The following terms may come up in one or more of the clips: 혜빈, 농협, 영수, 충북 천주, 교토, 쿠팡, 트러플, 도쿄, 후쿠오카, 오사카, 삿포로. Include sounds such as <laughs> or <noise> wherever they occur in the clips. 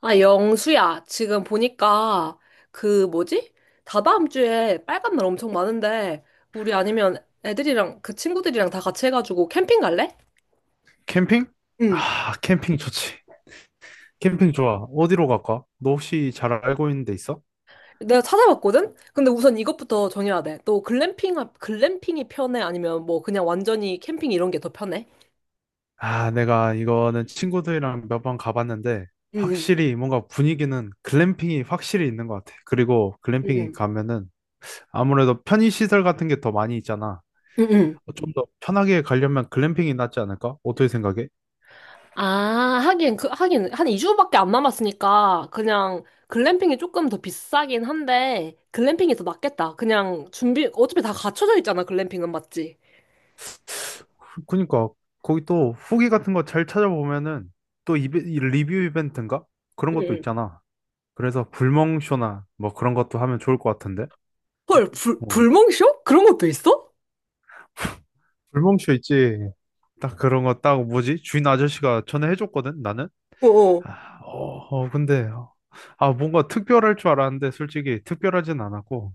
아, 영수야, 지금 보니까 그 뭐지? 다다음 주에 빨간 날 엄청 많은데 우리 아니면 애들이랑 그 친구들이랑 다 같이 해가지고 캠핑 갈래? 캠핑? 응. 아, 캠핑 좋지. 캠핑 좋아. 어디로 갈까? 너 혹시 잘 알고 있는 데 있어? 내가 찾아봤거든? 근데 우선 이것부터 정해야 돼. 너 글램핑, 글램핑이 편해? 아니면 뭐 그냥 완전히 캠핑 이런 게 더 편해? 아, 내가 이거는 친구들이랑 몇 번 가봤는데, 응, 확실히 뭔가 분위기는 글램핑이 확실히 있는 것 같아. 그리고 글램핑이 응, 가면은 아무래도 편의시설 같은 게 더 많이 있잖아. 응. 응. 좀 더 편하게 가려면 글램핑이 낫지 않을까? 어떻게 생각해? 아, 하긴, 한 2주밖에 안 남았으니까, 그냥, 글램핑이 조금 더 비싸긴 한데, 글램핑이 더 낫겠다. 그냥, 준비, 어차피 다 갖춰져 있잖아, 글램핑은, 맞지? 그니까, 거기 또 후기 같은 거 잘 찾아보면은 또 이 리뷰 이벤트인가? 그런 응, 것도 응. 있잖아. 그래서 불멍쇼나 뭐 그런 것도 하면 좋을 것 같은데. 헐, 불, 어. 불멍쇼? 그런 것도 있어? 불멍쇼 있지. 딱 그런 거 딱 뭐지? 주인 아저씨가 전에 해줬거든, 나는. 어어, 아, 근데, 아, 뭔가 특별할 줄 알았는데, 솔직히 특별하진 않았고,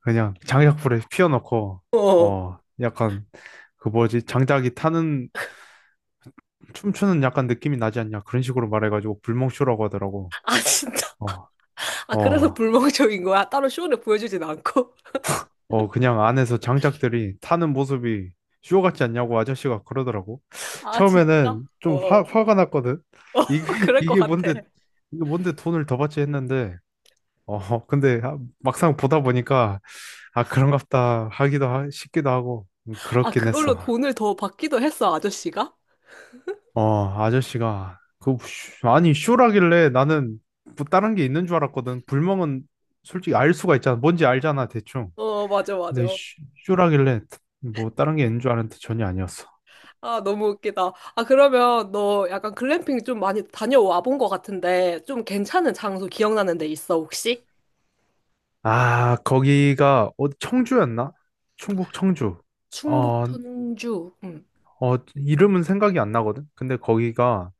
그냥 장작불에 피워놓고, 어어. 약간, 그 뭐지? 장작이 타는, 춤추는 약간 느낌이 나지 않냐? 그런 식으로 말해가지고, 불멍쇼라고 하더라고. 아, <laughs> 진짜? 어, 아, 그래서 어, 불멍쇼인 거야? 따로 쇼를 보여주진 않고? 그냥 안에서 장작들이 타는 모습이 쇼 같지 않냐고 아저씨가 그러더라고. 아, 진짜? 처음에는 좀 어어. 화가 났거든. 어, 이게, <laughs> <laughs> 그럴 것 이게 같아. 뭔데, 이게 뭔데 돈을 더 받지 했는데, 근데 아, 막상 보다 보니까, 아, 그런갑다 하기도 싶기도 하고, 아, 그렇긴 그걸로 했어. 돈을 더 받기도 했어, 아저씨가? 아저씨가, 그, 쇼- 아니, 쇼라길래 나는 뭐 다른 게 있는 줄 알았거든. 불멍은 솔직히 알 수가 있잖아. 뭔지 알잖아, 대충. 어, 맞아, 근데 맞아. 쇼라길래 뭐 다른 게 있는 줄 알았는데 전혀 아니었어. 아, 너무 웃기다. 아, 그러면 너 약간 글램핑 좀 많이 다녀와 본 것 같은데, 좀 괜찮은 장소 기억나는 데 있어, 혹시? 아, 거기가 청주였나? 충북 청주. 충북 어, 천주. 응, 이름은 생각이 안 나거든. 근데 거기가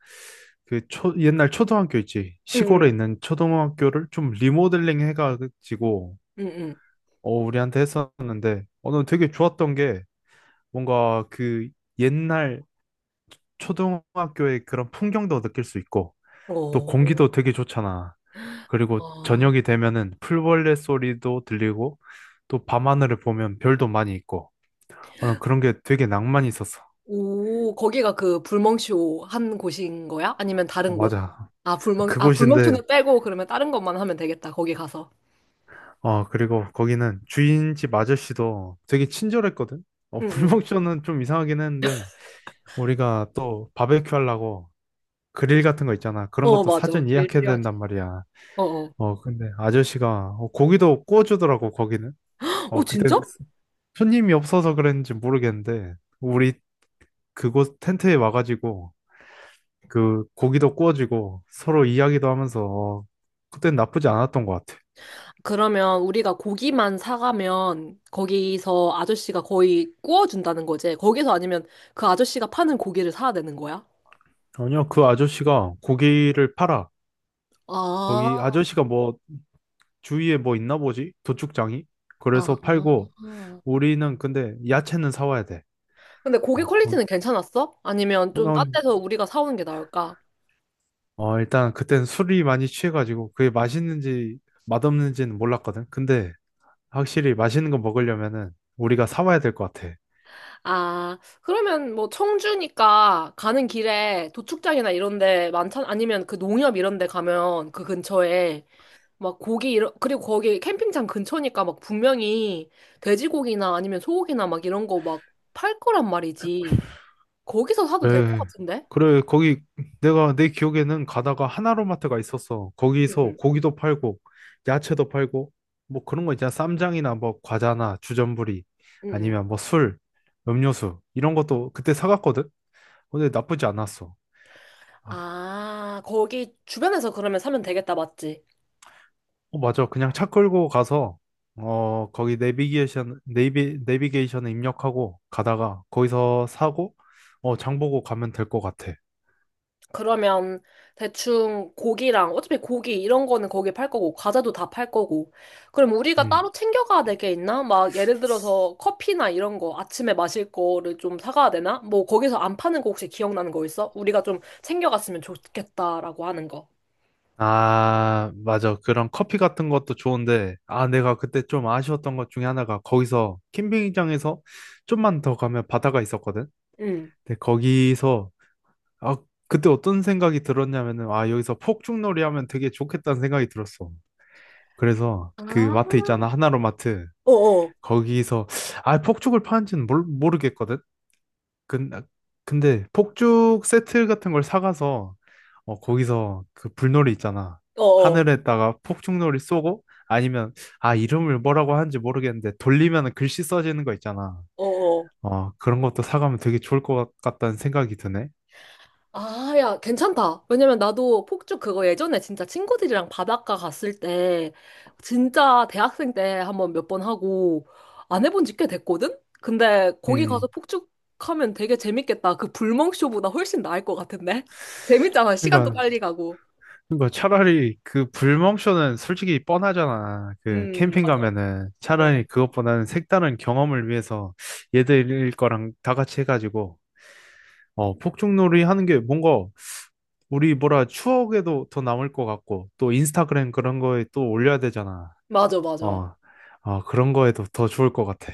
그 옛날 초등학교 있지. 응, 시골에 있는 초등학교를 좀 리모델링 해가지고 응, 응. 우리한테 했었는데 난 되게 좋았던 게 뭔가 그 옛날 초등학교의 그런 풍경도 느낄 수 있고 응. 또 어, 공기도 되게 좋잖아. 그리고 아, 저녁이 되면은 풀벌레 소리도 들리고 또 밤하늘을 보면 별도 많이 있고 난 그런 게 되게 낭만이 있었어. 오, 거기가 그 불멍쇼 한 곳인 거야? 아니면 어, 다른 곳? 맞아. 아, 불멍, 아, 그곳인데 불멍쇼는 빼고 그러면 다른 것만 하면 되겠다, 거기 가서. 그리고 거기는 주인집 아저씨도 되게 친절했거든. 응, 응. <laughs> 불멍쇼는 좀 이상하긴 했는데 우리가 또 바베큐 하려고 그릴 같은 거 있잖아. 그런 어, 것도 맞아. 사전 그게 예약해야 필요하지. 된단 말이야. 어, 어. 근데 아저씨가 고기도 구워주더라고 거기는. 어, 그때 진짜? 손님이 없어서 그랬는지 모르겠는데 우리 그곳 텐트에 와가지고 그 고기도 구워지고 서로 이야기도 하면서 그땐 나쁘지 않았던 것 같아. 그러면 우리가 고기만 사가면 거기서 아저씨가 거의 구워준다는 거지. 거기서 아니면 그 아저씨가 파는 고기를 사야 되는 거야? 아니요, 그 아저씨가 고기를 팔아. 아, 거기 아저씨가 뭐 주위에 뭐 있나 보지? 도축장이? 그래서 아. 팔고 우리는 근데 야채는 사와야 돼. 근데 고기 어, 퀄리티는 거기. 괜찮았어? 아니면 어, 좀 딴 난, 데서 우리가 사오는 게 나을까? 일단 그땐 술이 많이 취해가지고 그게 맛있는지 맛없는지는 몰랐거든. 근데 확실히 맛있는 거 먹으려면은 우리가 사와야 될 것 같아. 아, 그러면 뭐 청주니까 가는 길에 도축장이나 이런 데 많잖아. 아니면 그 농협 이런 데 가면 그 근처에 막 고기 이런 그리고 거기 캠핑장 근처니까 막 분명히 돼지고기나 아니면 소고기나 막 이런 거 막 팔 거란 말이지. 거기서 사도 될 것 그래, 같은데? 그래, 거기 내가 내 기억에는 가다가 하나로마트가 있었어. 응, 거기서 응, 고기도 팔고, 야채도 팔고, 뭐 그런 거 있잖아. 쌈장이나 뭐 과자나 주전부리, 응. 응. 아니면 뭐 술, 음료수, 이런 것도 그때 사갔거든? 근데 나쁘지 않았어. 아, 아, 거기 주변에서 그러면 사면 되겠다, 맞지? 어, 맞아. 그냥 차 끌고 가서, 거기 내비게이션에 입력하고, 가다가 거기서 사고, 장 보고 가면 될 것 같아. 그러면 대충 고기랑 어차피 고기 이런 거는 거기 팔 거고 과자도 다 팔 거고 그럼 우리가 음. 따로 챙겨가야 될 게 있나? 막 예를 들어서 커피나 이런 거 아침에 마실 거를 좀 사가야 되나? 뭐 거기서 안 파는 거 혹시 기억나는 거 있어? 우리가 좀 챙겨갔으면 좋겠다라고 하는 거. 아, 맞아. 그런 커피 같은 것도 좋은데, 아, 내가 그때 좀 아쉬웠던 것 중에 하나가 거기서 캠핑장에서 좀만 더 가면 바다가 있었거든. 응. 근데 거기서 아, 그때 어떤 생각이 들었냐면은 아, 여기서 폭죽놀이 하면 되게 좋겠다는 생각이 들었어. 그래서 그 마트 아, 있잖아. 하나로 마트. 어어, 거기서 아, 폭죽을 파는지는 모르겠거든. 아, 근데 폭죽 세트 같은 걸 사가서 거기서 그 불놀이 있잖아. 어어, 하늘에다가 폭죽놀이 쏘고 아니면 아 이름을 뭐라고 하는지 모르겠는데 돌리면 글씨 써지는 거 있잖아. 어어. 그런 것도 사가면 되게 좋을 것 같다는 생각이 드네. 아, 야, 괜찮다. 왜냐면 나도 폭죽 그거 예전에 진짜 친구들이랑 바닷가 갔을 때, 진짜 대학생 때 한번 몇 번 하고, 안 해본 지 꽤 됐거든? 근데 거기 가서 음. 폭죽 하면 되게 재밌겠다. 그 불멍쇼보다 훨씬 나을 것 같은데? <laughs> 재밌잖아. 시간도 그러니까 빨리 가고. 그러니까 차라리 그 불멍쇼는 솔직히 뻔하잖아. 그 캠핑 맞아. 가면은 응. 차라리 그것보다는 색다른 경험을 위해서 얘들 거랑 다 같이 해가지고 폭죽놀이 하는 게 뭔가 우리 뭐라 추억에도 더 남을 것 같고, 또 인스타그램 그런 거에 또 올려야 되잖아. 맞아, 맞아. 어, 그런 거에도 더 좋을 것 같아.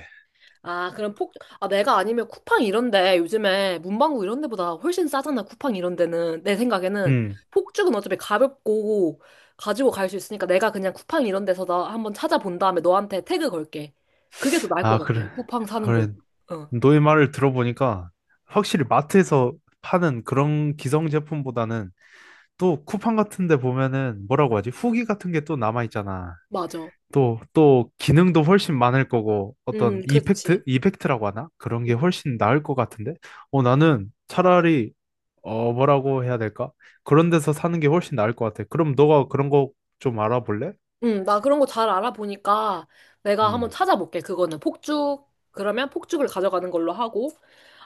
아, 그럼 폭, 아, 내가 아니면 쿠팡 이런데 요즘에 문방구 이런 데보다 훨씬 싸잖아, 쿠팡 이런 데는. 내 생각에는. 음, 폭죽은 어차피 가볍고 가지고 갈 수 있으니까 내가 그냥 쿠팡 이런 데서 나 한번 찾아본 다음에 너한테 태그 걸게. 그게 더 나을 것 아, 같아, 그래. 쿠팡 사는 건. 그래. 어, 너의 말을 들어보니까 확실히 마트에서 파는 그런 기성 제품보다는 또 쿠팡 같은 데 보면은 뭐라고 하지? 후기 같은 게 또 남아 있잖아. 맞아. 또, 기능도 훨씬 많을 거고, 어떤 그렇지. 이펙트? 이펙트라고 하나? 그런 게 음. 훨씬 나을 것 같은데? 나는 차라리, 뭐라고 해야 될까? 그런 데서 사는 게 훨씬 나을 것 같아. 그럼 너가 그런 거 좀 알아볼래? 응, 나 그런 거 잘 알아보니까 내가 한번 음, 찾아볼게. 그거는 폭죽, 그러면 폭죽을 가져가는 걸로 하고.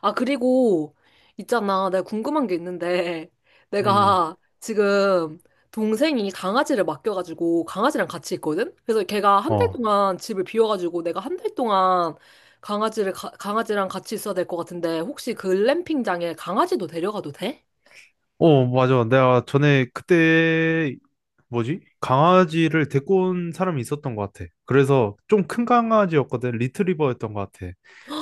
아, 그리고 있잖아. 내가 궁금한 게 있는데 <laughs> 음, 내가 지금 동생이 강아지를 맡겨가지고 강아지랑 같이 있거든? 그래서 걔가 한 달 어. 동안 집을 비워가지고 내가 한 달 동안 강아지를, 강아지랑 같이 있어야 될 것 같은데 혹시 글램핑장에 강아지도 데려가도 돼? 어, 맞아. 내가 전에 그때 뭐지? 강아지를 데리고 온 사람이 있었던 것 같아. 그래서 좀 큰 강아지였거든. 리트리버였던 것 같아.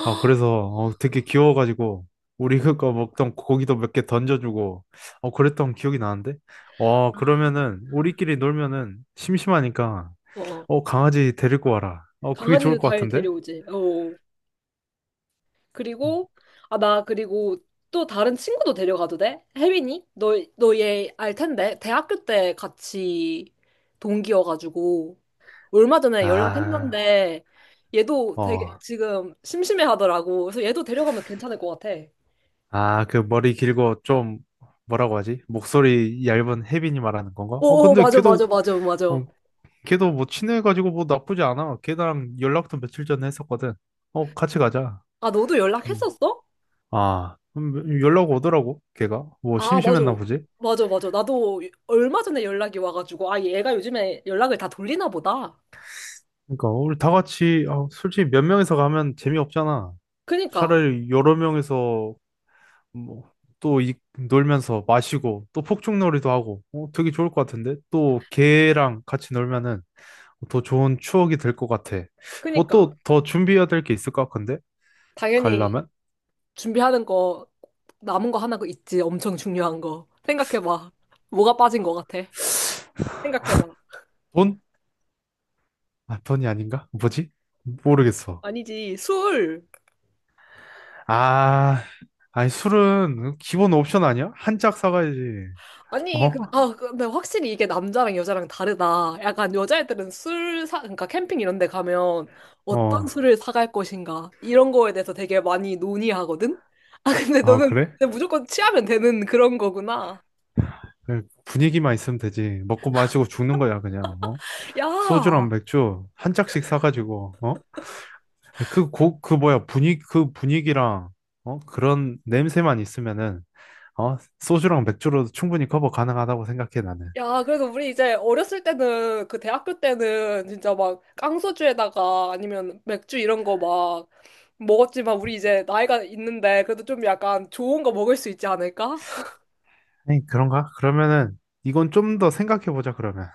그래서 되게 귀여워가지고 우리 그거 먹던 고기도 몇 개 던져주고 그랬던 기억이 나는데. 와, 아. 그러면은 우리끼리 놀면은 심심하니까 어, 어. 강아지 데리고 와라. 그게 좋을 강아지도 것 잘 같은데? 데려오지. 어. 어. 그리고, 아, 나 그리고 또 다른 친구도 데려가도 돼? 혜빈이? 너 얘 알 텐데. 대학교 때 같이 동기여가지고. 얼마 전에 아, 아, 연락했는데, 얘도 되게 어, 지금 심심해 하더라고. 그래서 얘도 데려가면 괜찮을 것 같아. 아, 그 머리 길고 좀 뭐라고 하지? 목소리 얇은 혜빈이 말하는 건가? 오, 근데 맞아, 맞아, 맞아, 맞아. 어, 걔도 뭐 친해가지고 뭐 나쁘지 않아. 걔랑 연락도 며칠 전에 했었거든. 같이 가자. 아, 너도 음. 연락했었어? 아, 연락 오더라고, 걔가. 뭐 아, 맞아. 심심했나 보지? 맞아, 맞아. 나도 얼마 전에 연락이 와가지고, 아, 얘가 요즘에 연락을 다 돌리나 보다. 그러니까 우리 다 같이 아, 솔직히 몇 명이서 가면 재미없잖아. 그니까, 차라리 여러 명이서 뭐 또 놀면서 마시고 또 폭죽놀이도 하고 되게 좋을 것 같은데 또 걔랑 같이 놀면은 더 좋은 추억이 될 것 같아. 뭐 그니까. 또 더 준비해야 될 게 있을까? 근데 당연히 갈라면? 준비하는 거 남은 거 하나 그 있지. 엄청 중요한 거. 생각해봐. 뭐가 빠진 거 같아? 생각해봐. 돈? 아, 버니 아닌가? 뭐지? 모르겠어. 아니지, 술. 아, 아니, 술은 기본 옵션 아니야? 한 짝 사가야지. 아니, 어? 근데 확실히 이게 남자랑 여자랑 다르다. 약간 여자애들은 술 사, 그러니까 캠핑 이런 데 가면 어떤 어. 술을 사갈 것인가. 이런 거에 대해서 되게 많이 논의하거든? 아, 근데 아, 너는 그래? 그냥 무조건 취하면 되는 그런 거구나. 그래, 분위기만 있으면 되지. 먹고 마시고 죽는 거야, 그냥. 어? 야, 소주랑 맥주 한 짝씩 사가지고, 어? 그 그 뭐야, 분위기, 그 분위기랑, 어? 그런 냄새만 있으면은, 어? 소주랑 맥주로도 충분히 커버 가능하다고 생각해, 나는. 야, 그래서 우리 이제 어렸을 때는, 그 대학교 때는 진짜 막 깡소주에다가 아니면 맥주 이런 거 막 먹었지만 우리 이제 나이가 있는데 그래도 좀 약간 좋은 거 먹을 수 있지 않을까? 아니, 그런가? 그러면은, 이건 좀 더 생각해보자, 그러면.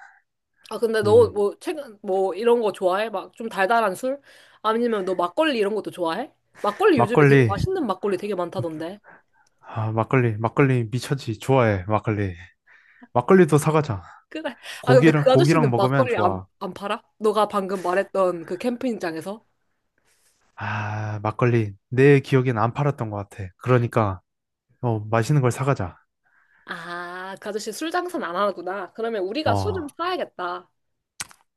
아, 근데 너 음, 뭐 최근 뭐 이런 거 좋아해? 막 좀 달달한 술? 아니면 너 막걸리 이런 것도 좋아해? 막걸리 요즘에 막걸리. 되게 맛있는 막걸리 되게 많다던데. 아, 막걸리, 막걸리 미쳤지. 좋아해, 막걸리. 막걸리도 사가자. 그래. 아, 근데 고기랑, 그 고기랑 아저씨는 먹으면 막걸리 안, 좋아. 안 팔아? 너가 방금 말했던 그 캠핑장에서? 아, 막걸리. 내 기억엔 안 팔았던 것 같아. 그러니까, 맛있는 걸 사가자. 아, 그 아저씨 술 장사는 안 하구나. 그러면 우리가 술 좀 어, 사야겠다.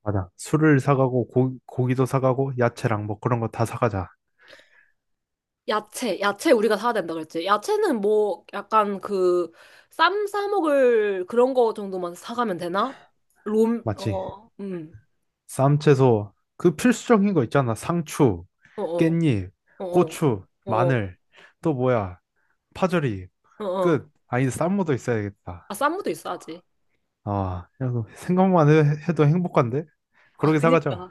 맞아. 술을 사가고, 고기도 사가고, 야채랑 뭐 그런 거 다 사가자. 야채, 야채 우리가 사야 된다 그랬지. 야채는 뭐 약간 그 쌈 싸먹을 그런 거 정도만 사가면 되나? 롬, 맞지? 어, 쌈채소, 그 필수적인 거 있잖아. 상추, 어, 어, 깻잎, 어, 고추, 어, 어, 마늘, 또 뭐야, 파절이. 어, 어. 어. 끝. 아니, 쌈무도 있어야겠다. 아, 쌈무도 있어야지. 아, 야, 그 생각만 도 행복한데? 아, 그러게 사가자. 그니까.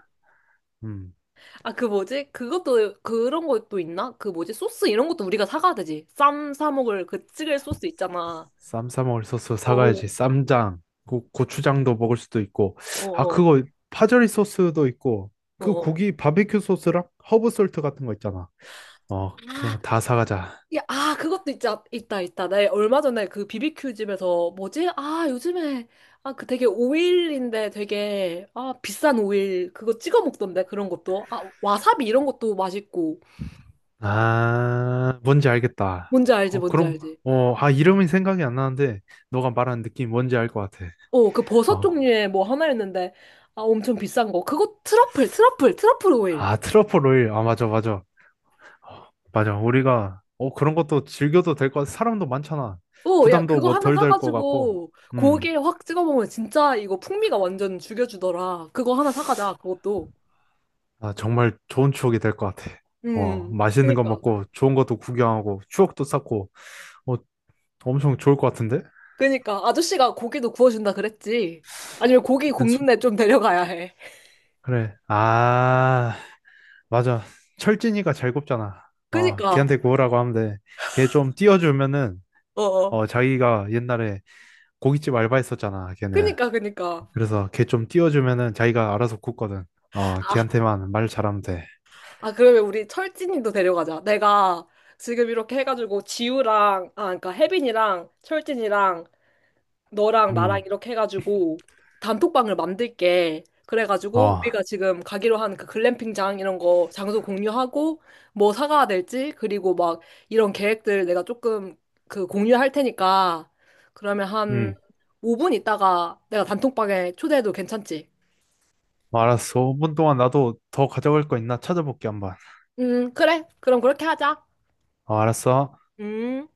음, 아, 그 뭐지? 그것도, 그런 것도 있나? 그 뭐지? 소스 이런 것도 우리가 사가야 되지. 쌈 싸먹을 그 찌개 소스 있잖아. 쌈 싸 먹을 소스 어, 어, 사가야지. 쌈장, 고추장도 먹을 수도 있고. 아, 어, 그거 파절이 소스도 있고. 어, 그 어. 고기 바베큐 소스랑 허브 솔트 같은 거 있잖아. 그런 어. 거 다 사가자. 야, 아, 그것도 있다. 나 얼마 전에 그 비비큐 집에서, 뭐지? 아, 요즘에, 아, 그 되게 오일인데 되게, 아, 비싼 오일, 그거 찍어 먹던데, 그런 것도. 아, 와사비 이런 것도 맛있고. 아, 뭔지 알겠다. 뭔지 알지, 뭔지 그럼, 알지. 아, 이름이 생각이 안 나는데, 너가 말하는 느낌이 뭔지 알 것 같아. 어, 그 버섯 어, 종류의 뭐 하나였는데, 아, 엄청 비싼 거. 그거 트러플 오일. 아, 트러플 오일. 아, 맞아, 맞아. 맞아. 우리가 그런 것도 즐겨도 될 것 같아. 사람도 많잖아. 어, 야, 부담도 그거 뭐 하나 덜 될 것 같고. 사가지고, 음. 고기에 확 찍어 먹으면 진짜 이거 풍미가 완전 죽여주더라. 그거 하나 사가자, 그것도. 아, 정말 좋은 추억이 될 것 같아. 음, 맛있는 거 그니까. 먹고 좋은 것도 구경하고 추억도 쌓고 어 엄청 좋을 것 같은데? 그니까 아저씨가 고기도 구워준다 그랬지. 아니면 고기 그땐 굽는 데 좀 데려가야 해. 그래. 아, 맞아. 철진이가 잘 굽잖아. 그니까 걔한테 구우라고 하면 돼. 걔 좀 띄워주면은 어어. 자기가 옛날에 고깃집 알바했었잖아. 걔는. 그니까. 그래서 걔 좀 띄워주면은 자기가 알아서 굽거든. 아, 걔한테만 말 잘하면 돼. 아 그러면 우리 철진이도 데려가자. 내가 지금 이렇게 해가지고 지우랑 아 그러니까 혜빈이랑 철진이랑 너랑 나랑 음, 이렇게 해가지고 단톡방을 만들게. 그래가지고 어, 우리가 지금 가기로 한 그 글램핑장 이런 거 장소 공유하고 뭐 사가야 될지 그리고 막 이런 계획들 내가 조금 그 공유할 테니까 그러면 한 음, 5분 있다가 내가 단톡방에 초대해도 괜찮지? 어, 알았어. 5분 동안 나도 더 가져갈 거 있나 찾아볼게 한번. 그래. 그럼 그렇게 하자. 어, 알았어. 음.